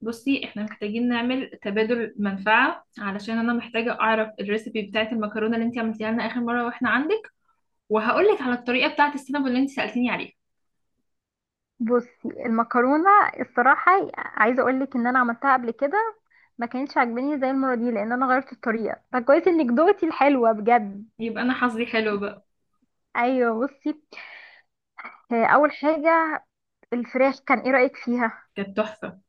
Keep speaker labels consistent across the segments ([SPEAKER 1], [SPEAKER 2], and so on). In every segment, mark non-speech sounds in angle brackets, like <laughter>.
[SPEAKER 1] بصي، احنا محتاجين نعمل تبادل منفعة علشان انا محتاجة اعرف الريسبي بتاعة المكرونة اللي انت عملتيها لنا اخر مرة واحنا عندك، وهقولك على الطريقة بتاعة السينابون اللي انت سألتيني عليها.
[SPEAKER 2] بصي، المكرونه، الصراحه عايزه اقول لك ان انا عملتها قبل كده. ما كانتش عاجباني زي المره دي لان انا غيرت الطريقه، فكويس انك دوقتي الحلوه بجد.
[SPEAKER 1] يبقى انا حظي حلو بقى.
[SPEAKER 2] ايوه بصي، اول حاجه الفراخ كان ايه رايك فيها؟
[SPEAKER 1] كانت تحفة.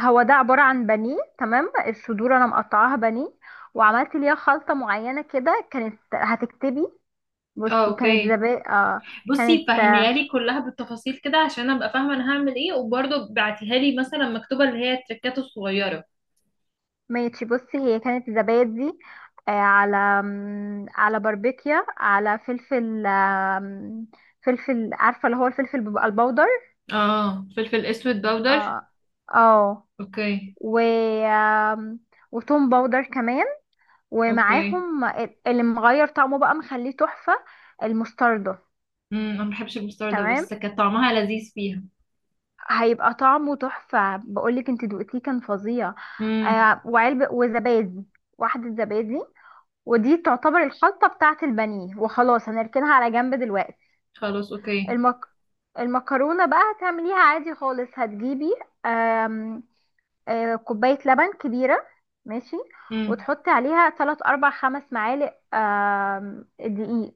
[SPEAKER 2] هو ده عباره عن بانيه، تمام. الصدور انا مقطعاها بانيه وعملت ليها خلطه معينه كده، كانت هتكتبي.
[SPEAKER 1] اه،
[SPEAKER 2] بصي كانت
[SPEAKER 1] اوكي.
[SPEAKER 2] زبادي،
[SPEAKER 1] بصي،
[SPEAKER 2] كانت،
[SPEAKER 1] فهميها لي كلها بالتفاصيل كده عشان ابقى فاهمة انا هعمل ايه، وبرضه بعتيها لي مثلا مكتوبة، اللي هي التركات الصغيرة.
[SPEAKER 2] ماشي بصي هي كانت زبادي، على باربيكيا، على فلفل، فلفل، عارفة اللي هو الفلفل بيبقى البودر.
[SPEAKER 1] اه، فلفل اسود باودر.
[SPEAKER 2] اه، اه،
[SPEAKER 1] اوكي.
[SPEAKER 2] و وتوم باودر كمان،
[SPEAKER 1] اوكي.
[SPEAKER 2] ومعاهم اللي مغير طعمه بقى مخليه تحفة، المستردة.
[SPEAKER 1] انا ما بحبش البستار ده،
[SPEAKER 2] تمام،
[SPEAKER 1] بس كان طعمها لذيذ فيها.
[SPEAKER 2] هيبقى طعمه تحفة، بقولك انت دوقتيه كان فظيع.
[SPEAKER 1] امم.
[SPEAKER 2] آه وعلبة وزبادي، واحدة زبادي، ودي تعتبر الخلطة بتاعة البانيه، وخلاص هنركنها على جنب دلوقتي.
[SPEAKER 1] خلاص، اوكي.
[SPEAKER 2] المك... المكرونة بقى هتعمليها عادي خالص، هتجيبي آم... آه، كوباية لبن كبيرة، ماشي،
[SPEAKER 1] مم.
[SPEAKER 2] وتحطي عليها 3 4 5 معالق دقيق،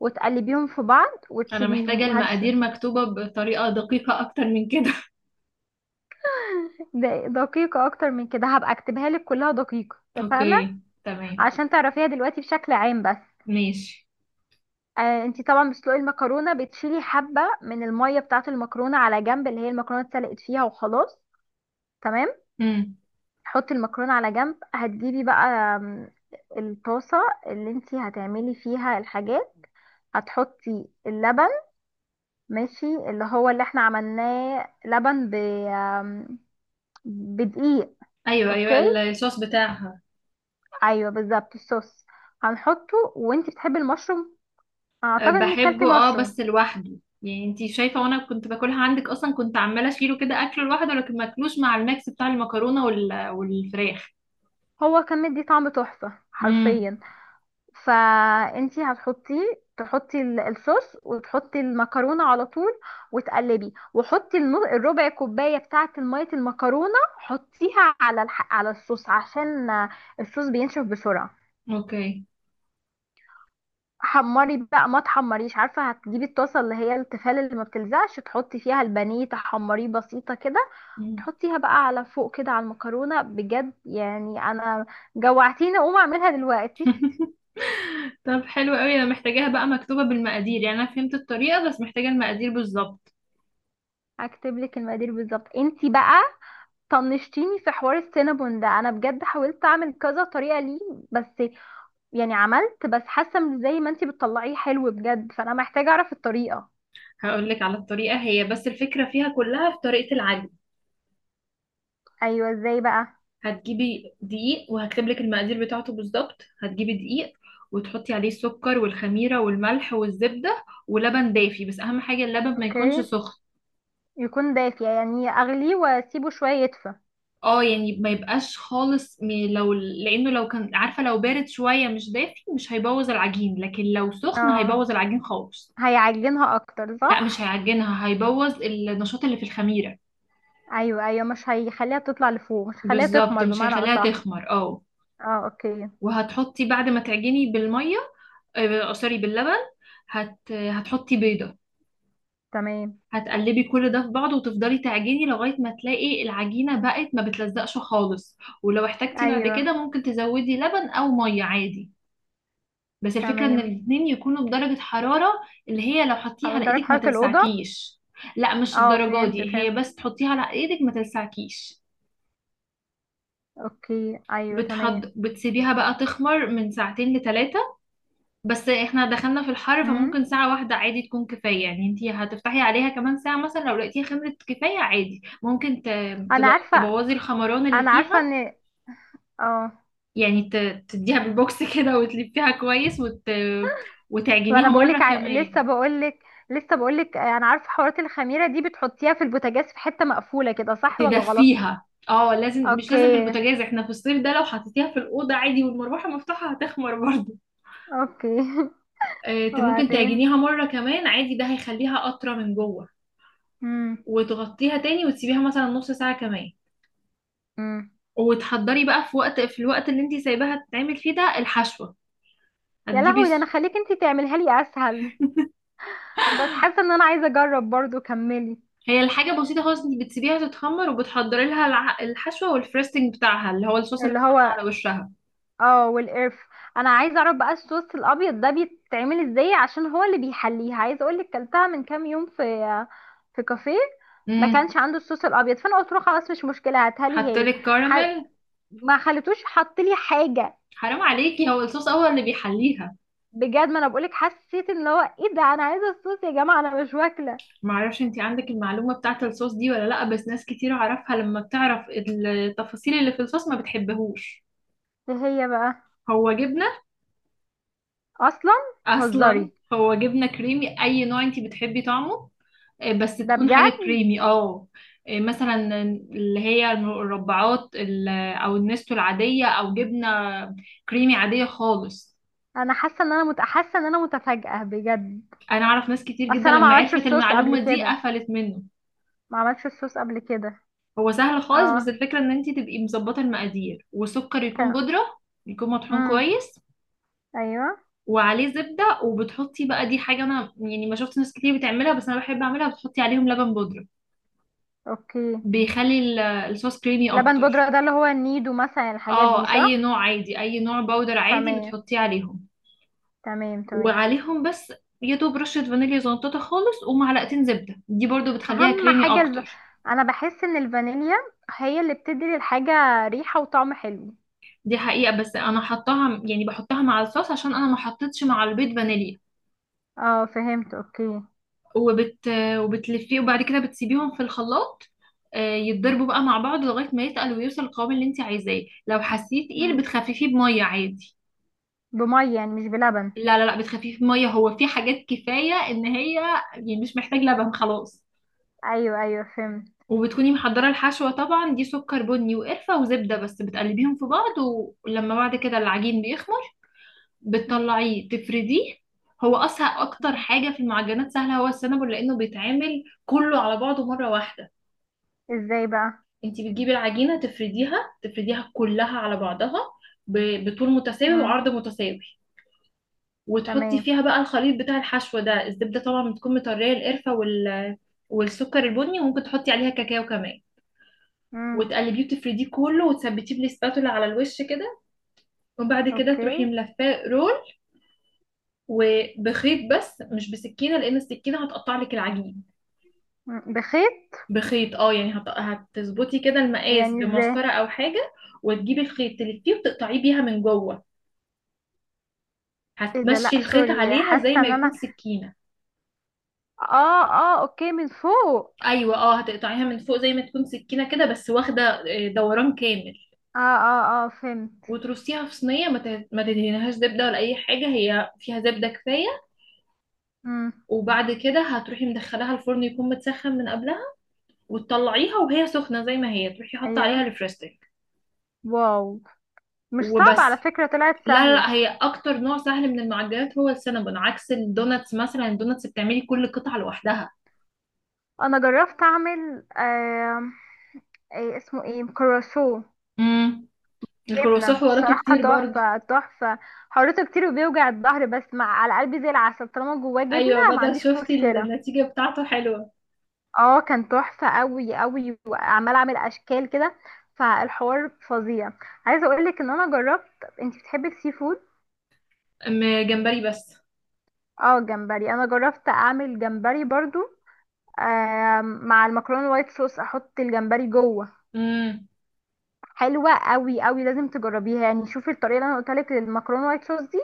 [SPEAKER 2] وتقلبيهم في بعض
[SPEAKER 1] انا
[SPEAKER 2] وتسيبيهم
[SPEAKER 1] محتاجة المقادير مكتوبة بطريقة دقيقة اكتر من كده. <laughs>
[SPEAKER 2] <laughs> دقيقة أكتر من كده هبقى أكتبها لك كلها دقيقة، اتفقنا.
[SPEAKER 1] اوكي، تمام.
[SPEAKER 2] عشان تعرفيها دلوقتي بشكل عام بس.
[SPEAKER 1] ماشي.
[SPEAKER 2] آه، انتي طبعا بتسلقي المكرونه، بتشيلي حبه من الميه بتاعه المكرونه على جنب، اللي هي المكرونه اتسلقت فيها وخلاص. تمام،
[SPEAKER 1] امم.
[SPEAKER 2] حطي المكرونه على جنب، هتجيبي بقى آم، الطاسه اللي انتي هتعملي فيها الحاجات، هتحطي اللبن، ماشي، اللي هو اللي احنا عملناه لبن ب آم، بدقيق.
[SPEAKER 1] ايوه، ايوه،
[SPEAKER 2] اوكي،
[SPEAKER 1] الصوص بتاعها.
[SPEAKER 2] ايوه بالظبط الصوص هنحطه، وانتي بتحبي المشروم،
[SPEAKER 1] أه،
[SPEAKER 2] اعتقد انك كلتي
[SPEAKER 1] بحبه اه بس
[SPEAKER 2] مشروم.
[SPEAKER 1] لوحده. يعني انتي شايفة، وانا كنت باكلها عندك اصلا كنت عمالة اشيله كده اكله لوحده، لكن ماكلوش مع الميكس بتاع المكرونة والفراخ.
[SPEAKER 2] هو كان مدي طعم تحفه
[SPEAKER 1] امم.
[SPEAKER 2] حرفيا، فانتي هتحطيه، تحطي الصوص وتحطي المكرونه على طول، وتقلبي وحطي الربع كوبايه بتاعه الميه المكرونه، حطيها على على الصوص عشان الصوص بينشف بسرعه.
[SPEAKER 1] اوكي.
[SPEAKER 2] حمري بقى، ما تحمريش، عارفه هتجيبي الطاسه اللي هي التيفال اللي ما بتلزقش، تحطي فيها البانيه تحمريه بسيطه كده،
[SPEAKER 1] مم.
[SPEAKER 2] تحطيها بقى على فوق كده على المكرونه، بجد يعني انا جوعتيني، اقوم اعملها دلوقتي.
[SPEAKER 1] <laughs> طب حلو قوي، انا محتاجاها بقى مكتوبة بالمقادير، يعني انا فهمت الطريقة بس محتاجة المقادير بالظبط.
[SPEAKER 2] هكتب لك المقادير بالظبط. انتي بقى طنشتيني في حوار السينابون ده، انا بجد حاولت اعمل كذا طريقه ليه، بس يعني عملت بس حاسه إن زي ما انتي بتطلعيه حلو بجد، فانا محتاجه اعرف الطريقه.
[SPEAKER 1] هقولك على الطريقة، هي بس الفكرة فيها كلها في طريقة العجن.
[SPEAKER 2] ايوه ازاي بقى؟
[SPEAKER 1] هتجيبي دقيق وهكتب لك المقادير بتاعته بالظبط. هتجيبي دقيق وتحطي عليه السكر والخميرة والملح والزبدة ولبن دافي، بس أهم حاجة اللبن ما
[SPEAKER 2] اوكي.
[SPEAKER 1] يكونش سخن.
[SPEAKER 2] يكون دافي يعني اغليه واسيبه شويه يدفى.
[SPEAKER 1] اه، يعني ما يبقاش خالص لو، لأنه لو كان عارفة لو بارد شوية مش دافي مش هيبوظ العجين، لكن لو سخن
[SPEAKER 2] اه،
[SPEAKER 1] هيبوظ العجين خالص.
[SPEAKER 2] هيعجنها اكتر
[SPEAKER 1] لا، مش
[SPEAKER 2] صح؟
[SPEAKER 1] هيعجنها، هيبوظ النشاط اللي في الخميرة.
[SPEAKER 2] ايوه ايوه، مش هيخليها تطلع لفوق، مش هيخليها
[SPEAKER 1] بالظبط،
[SPEAKER 2] تخمر
[SPEAKER 1] مش
[SPEAKER 2] بمعنى
[SPEAKER 1] هيخليها
[SPEAKER 2] اصح.
[SPEAKER 1] تخمر اه.
[SPEAKER 2] اه، اوكي،
[SPEAKER 1] وهتحطي بعد ما تعجني بالمية، سوري باللبن. هتحطي بيضة.
[SPEAKER 2] تمام.
[SPEAKER 1] هتقلبي كل ده في بعضه وتفضلي تعجني لغاية ما تلاقي العجينة بقت ما بتلزقش خالص. ولو احتجتي بعد كده
[SPEAKER 2] ايوه،
[SPEAKER 1] ممكن تزودي لبن أو مية عادي. بس الفكرة إن
[SPEAKER 2] تمام.
[SPEAKER 1] الاتنين يكونوا بدرجة حرارة، اللي هي لو حطيها على
[SPEAKER 2] درجه
[SPEAKER 1] إيدك ما
[SPEAKER 2] حراره الاوضه.
[SPEAKER 1] تلسعكيش. لا، مش
[SPEAKER 2] اه
[SPEAKER 1] الدرجة
[SPEAKER 2] فهمت
[SPEAKER 1] دي، هي
[SPEAKER 2] فهمت.
[SPEAKER 1] بس تحطيها على إيدك ما تلسعكيش.
[SPEAKER 2] اوكي ايوه تمام.
[SPEAKER 1] بتسيبيها بقى تخمر من ساعتين لتلاتة. بس احنا دخلنا في الحر،
[SPEAKER 2] مم.
[SPEAKER 1] فممكن ساعة واحدة عادي تكون كفاية. يعني انتي هتفتحي عليها كمان ساعة مثلا، لو لقيتيها خمرت كفاية عادي ممكن
[SPEAKER 2] انا عارفه
[SPEAKER 1] تبوظي الخمران اللي
[SPEAKER 2] انا
[SPEAKER 1] فيها.
[SPEAKER 2] عارفه ان، اه.
[SPEAKER 1] يعني تديها بالبوكس <laughs> كده وتلفيها كويس وتعجنيها
[SPEAKER 2] وانا
[SPEAKER 1] مرة
[SPEAKER 2] بقولك ع... لسه
[SPEAKER 1] كمان.
[SPEAKER 2] بقولك لسه بقولك انا عارفه حوارات الخميره دي، بتحطيها في البوتاجاز في حته مقفوله كده، صح ولا غلط؟
[SPEAKER 1] تدفيها اه، لازم مش لازم في
[SPEAKER 2] اوكي،
[SPEAKER 1] البوتاجاز، احنا في الصيف ده لو حطيتيها في الأوضة عادي والمروحة مفتوحة هتخمر برضه.
[SPEAKER 2] اوكي. <laughs>
[SPEAKER 1] ممكن
[SPEAKER 2] وبعدين
[SPEAKER 1] تعجنيها مرة كمان عادي، ده هيخليها أطرى من جوه.
[SPEAKER 2] امم.
[SPEAKER 1] وتغطيها تاني وتسيبيها مثلا نص ساعة كمان.
[SPEAKER 2] امم.
[SPEAKER 1] وتحضري بقى في الوقت اللي انت سايباها تتعمل فيه ده الحشوة.
[SPEAKER 2] يا
[SPEAKER 1] هتجيبي
[SPEAKER 2] لهوي، ده انا
[SPEAKER 1] س-
[SPEAKER 2] خليك انتي تعمليها لي اسهل، بس حاسه ان انا عايزه اجرب برضو، كملي.
[SPEAKER 1] هي الحاجة بسيطة خالص، انت بتسيبيها تتخمر وبتحضري لها الحشوة والفريستنج بتاعها، اللي هو الصوص اللي
[SPEAKER 2] اللي
[SPEAKER 1] بيتحط
[SPEAKER 2] هو
[SPEAKER 1] على وشها.
[SPEAKER 2] اه والقرف، انا عايزه اعرف بقى الصوص الابيض ده بيتعمل ازاي عشان هو اللي بيحليها. عايزه اقول لك كلتها من كام يوم في في كافيه ما
[SPEAKER 1] امم.
[SPEAKER 2] كانش عنده الصوص الابيض، فانا قلت له خلاص مش مشكله، هاتها لي هي.
[SPEAKER 1] حطلك
[SPEAKER 2] ح...
[SPEAKER 1] كراميل.
[SPEAKER 2] ما خلتوش حط لي حاجه.
[SPEAKER 1] حرام عليكي، هو الصوص هو اللي بيحليها.
[SPEAKER 2] بجد، ما انا بقول لك حسيت ان هو ايه ده، انا عايزه الصوص يا جماعه، انا مش واكله.
[SPEAKER 1] معرفش انت عندك المعلومة بتاعت الصوص دي ولا لا، بس ناس كتير اعرفها لما بتعرف التفاصيل اللي في الصوص ما بتحبهوش.
[SPEAKER 2] ايه هي بقى،
[SPEAKER 1] هو جبنة.
[SPEAKER 2] اصلا؟
[SPEAKER 1] اصلا
[SPEAKER 2] بتهزري؟
[SPEAKER 1] هو جبنة كريمي، اي نوع انت بتحبي طعمه. بس
[SPEAKER 2] ده
[SPEAKER 1] تكون حاجة
[SPEAKER 2] بجد.
[SPEAKER 1] كريمي اه. مثلا اللي هي المربعات او النستو العادية، او جبنة كريمي عادية خالص.
[SPEAKER 2] انا حاسه ان انا متفاجئه بجد.
[SPEAKER 1] انا اعرف ناس كتير
[SPEAKER 2] اصل
[SPEAKER 1] جدا
[SPEAKER 2] انا ما
[SPEAKER 1] لما
[SPEAKER 2] عملتش
[SPEAKER 1] عرفت
[SPEAKER 2] الصوص قبل
[SPEAKER 1] المعلومة دي
[SPEAKER 2] كده،
[SPEAKER 1] قفلت منه.
[SPEAKER 2] ما عملتش الصوص قبل كده.
[SPEAKER 1] هو سهل خالص، بس
[SPEAKER 2] اه.
[SPEAKER 1] الفكرة ان انت تبقي مظبطة المقادير، وسكر يكون بودرة، يكون مطحون
[SPEAKER 2] امم.
[SPEAKER 1] كويس.
[SPEAKER 2] ايوه.
[SPEAKER 1] وعليه زبدة، وبتحطي بقى، دي حاجة انا يعني ما شفت ناس كتير بتعملها، بس انا بحب اعملها، بتحطي عليهم لبن بودرة.
[SPEAKER 2] اوكي،
[SPEAKER 1] بيخلي الصوص كريمي
[SPEAKER 2] لبن
[SPEAKER 1] اكتر.
[SPEAKER 2] بودرة ده اللي هو النيدو مثلا، الحاجات دي
[SPEAKER 1] اه، اي
[SPEAKER 2] صح؟
[SPEAKER 1] نوع عادي، اي نوع باودر عادي
[SPEAKER 2] تمام،
[SPEAKER 1] بتحطيه عليهم.
[SPEAKER 2] تمام تمام.
[SPEAKER 1] وعليهم بس يا دوب رشة فانيليا زنطتها خالص، ومعلقتين زبدة دي برضو بتخليها
[SPEAKER 2] اهم
[SPEAKER 1] كريمي
[SPEAKER 2] حاجة الب...
[SPEAKER 1] اكتر.
[SPEAKER 2] انا بحس ان الفانيليا هي اللي بتدي للحاجة ريحة وطعم حلو.
[SPEAKER 1] دي حقيقة، بس انا حطاها يعني بحطها مع الصوص عشان انا ما حطيتش مع البيض فانيليا.
[SPEAKER 2] اه فهمت، اوكي.
[SPEAKER 1] وبت وبتلفيه، وبعد كده بتسيبيهم في الخلاط يتضربوا بقى مع بعض لغاية ما يتقل ويوصل القوام اللي انت عايزاه. لو حسيتيه تقيل
[SPEAKER 2] مم.
[SPEAKER 1] بتخففيه بمية عادي.
[SPEAKER 2] بمية يعني مش بلبن؟
[SPEAKER 1] لا، لا، لا، بتخففيه بمية، هو في حاجات كفاية ان هي يعني مش محتاج لبن خلاص.
[SPEAKER 2] ايوه ايوه فهمت.
[SPEAKER 1] وبتكوني محضرة الحشوة طبعا، دي سكر بني وقرفة وزبدة بس بتقلبيهم في بعض. ولما بعد كده العجين بيخمر
[SPEAKER 2] مم.
[SPEAKER 1] بتطلعيه تفرديه. هو أسهل أكتر حاجة في المعجنات سهلة هو السنابل، لأنه بيتعمل كله على بعضه مرة واحدة.
[SPEAKER 2] ازاي بقى؟
[SPEAKER 1] انتي بتجيبي العجينة تفرديها، تفرديها كلها على بعضها، بطول متساوي
[SPEAKER 2] مم.
[SPEAKER 1] وعرض متساوي. وتحطي
[SPEAKER 2] تمام.
[SPEAKER 1] فيها بقى الخليط بتاع الحشوة ده، الزبدة طبعا بتكون مطرية، القرفة والسكر البني، وممكن تحطي عليها كاكاو كمان.
[SPEAKER 2] مم.
[SPEAKER 1] وتقلبيه وتفرديه كله وتثبتيه بالسباتولا على الوش كده، وبعد كده
[SPEAKER 2] اوكي.
[SPEAKER 1] تروحي ملفاه رول، وبخيط، بس مش بسكينه لان السكينه هتقطع لك العجين.
[SPEAKER 2] مم. بخيط.
[SPEAKER 1] بخيط اه، يعني هتظبطي كده المقاس
[SPEAKER 2] يعني ازاي؟
[SPEAKER 1] بمسطره او حاجه، وتجيبي الخيط تلفيه وتقطعيه بيها من جوه.
[SPEAKER 2] ايه ده؟
[SPEAKER 1] هتمشي
[SPEAKER 2] لا
[SPEAKER 1] الخيط
[SPEAKER 2] سوري،
[SPEAKER 1] عليها زي
[SPEAKER 2] حاسة
[SPEAKER 1] ما
[SPEAKER 2] ان
[SPEAKER 1] يكون
[SPEAKER 2] انا
[SPEAKER 1] سكينه.
[SPEAKER 2] اه اه اوكي، من فوق.
[SPEAKER 1] ايوه، اه هتقطعيها من فوق زي ما تكون سكينه كده، بس واخده دوران كامل.
[SPEAKER 2] اه اه اه فهمت.
[SPEAKER 1] وترصيها في صينيه، ما تدهنيهاش زبده ولا اي حاجه، هي فيها زبده كفايه.
[SPEAKER 2] امم.
[SPEAKER 1] وبعد كده هتروحي مدخلاها الفرن، يكون متسخن من قبلها، وتطلعيها وهي سخنة زي ما هي تروحي حاطة
[SPEAKER 2] ايوه.
[SPEAKER 1] عليها ريفرستك.
[SPEAKER 2] واو، مش صعبة
[SPEAKER 1] وبس.
[SPEAKER 2] على فكرة، طلعت
[SPEAKER 1] لا، لا،
[SPEAKER 2] سهلة.
[SPEAKER 1] لا، هي اكتر نوع سهل من المعجنات هو السينابون، عكس الدوناتس مثلا الدوناتس بتعملي كل قطعة لوحدها.
[SPEAKER 2] انا جربت اعمل ايه اسمه، ايه، كروسو،
[SPEAKER 1] امم. الكرواسون
[SPEAKER 2] جبنة
[SPEAKER 1] حواراته
[SPEAKER 2] الصراحة
[SPEAKER 1] كتير برضو.
[SPEAKER 2] تحفة تحفة. حرته كتير وبيوجع الظهر، بس مع على قلبي زي العسل، طالما جواه جبنة
[SPEAKER 1] ايوه،
[SPEAKER 2] ما
[SPEAKER 1] بدل
[SPEAKER 2] عنديش
[SPEAKER 1] شفتي
[SPEAKER 2] مشكلة.
[SPEAKER 1] النتيجة بتاعته حلوة.
[SPEAKER 2] اه، كان تحفة قوي قوي، وعمال اعمل اشكال كده، فالحوار فظيع. عايزة اقولك ان انا جربت، انت بتحبي السي فود.
[SPEAKER 1] أم. جمبري بس.
[SPEAKER 2] اه جمبري، انا جربت اعمل جمبري برضو، آه مع المكرونه الوايت صوص، احط الجمبري جوه.
[SPEAKER 1] امم.
[SPEAKER 2] حلوه قوي قوي، لازم تجربيها. يعني شوفي الطريقه اللي انا قلت لك للمكرونه الوايت صوص دي،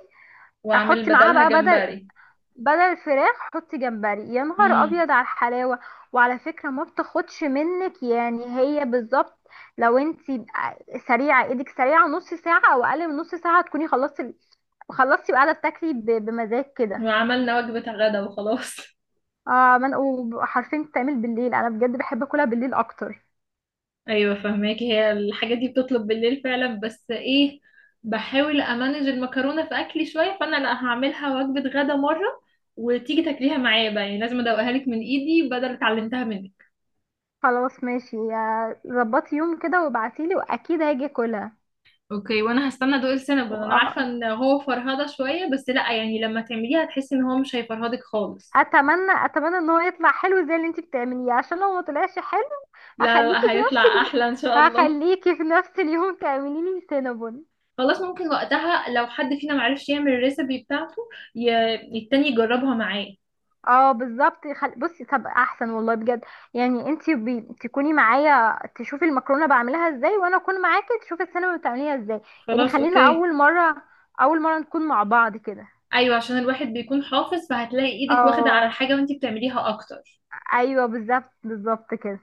[SPEAKER 1] واعمل
[SPEAKER 2] احط معاها
[SPEAKER 1] بدلها
[SPEAKER 2] بقى بدل،
[SPEAKER 1] جمبري.
[SPEAKER 2] بدل الفراخ، حطي جمبري. يا نهار
[SPEAKER 1] امم.
[SPEAKER 2] ابيض على الحلاوه. وعلى فكره، ما بتاخدش منك يعني، هي بالظبط لو انتي سريعه، ايدك سريعه، نص ساعه او اقل من نص ساعه تكوني خلصتي، خلصتي وقاعده بتاكلي بمزاج كده.
[SPEAKER 1] وعملنا وجبة غدا وخلاص.
[SPEAKER 2] اه، وحرفيا بتتعمل بالليل، انا بجد بحب اكلها بالليل اكتر.
[SPEAKER 1] ايوه، فهماك، هي الحاجات دي بتطلب بالليل فعلا، بس ايه، بحاول امانج المكرونه في اكلي شويه، فانا لا هعملها وجبه غدا مره، وتيجي تاكليها معايا بقى، يعني لازم ادوقها لك من ايدي بدل اللي اتعلمتها منك.
[SPEAKER 2] خلاص ماشي، ظبطي يوم كده وابعتيلي واكيد هاجي اكلها.
[SPEAKER 1] اوكي، وانا هستنى ادوق السينابون، انا عارفه
[SPEAKER 2] وأ-
[SPEAKER 1] ان هو فرهده شويه، بس لا، يعني لما تعمليها هتحسي ان هو مش هيفرهدك خالص.
[SPEAKER 2] اتمنى ان هو يطلع حلو زي اللي انتي بتعمليه، عشان لو ما طلعش حلو،
[SPEAKER 1] لا، لا، لا،
[SPEAKER 2] هخليكي في نفس
[SPEAKER 1] هيطلع
[SPEAKER 2] ال...
[SPEAKER 1] احلى ان شاء الله.
[SPEAKER 2] هخليكي في نفس اليوم تعملي لي سينابون.
[SPEAKER 1] خلاص، ممكن وقتها لو حد فينا معرفش يعمل الريسبي بتاعته التاني يجربها معاه.
[SPEAKER 2] اه بالظبط. بصي طب احسن والله بجد، يعني انتي تكوني معايا تشوفي المكرونه بعملها ازاي، وانا اكون معاكي تشوفي السينابون بتعمليها ازاي. يعني
[SPEAKER 1] خلاص،
[SPEAKER 2] خلينا
[SPEAKER 1] اوكي.
[SPEAKER 2] اول مره نكون مع بعض كده.
[SPEAKER 1] ايوه، عشان الواحد بيكون حافظ فهتلاقي ايدك واخده على
[SPEAKER 2] اه
[SPEAKER 1] الحاجه وانتي بتعمليها اكتر.
[SPEAKER 2] ايوه، بالظبط بالظبط كده.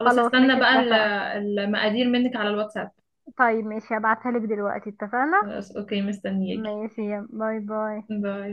[SPEAKER 1] خلاص، هستنى
[SPEAKER 2] ماشي
[SPEAKER 1] بقى
[SPEAKER 2] اتفقنا.
[SPEAKER 1] المقادير منك على الواتساب.
[SPEAKER 2] طيب ماشي هبعتها لك دلوقتي، اتفقنا.
[SPEAKER 1] خلاص، اوكي، مستنياكي.
[SPEAKER 2] ماشي، يلا، باي باي.
[SPEAKER 1] باي.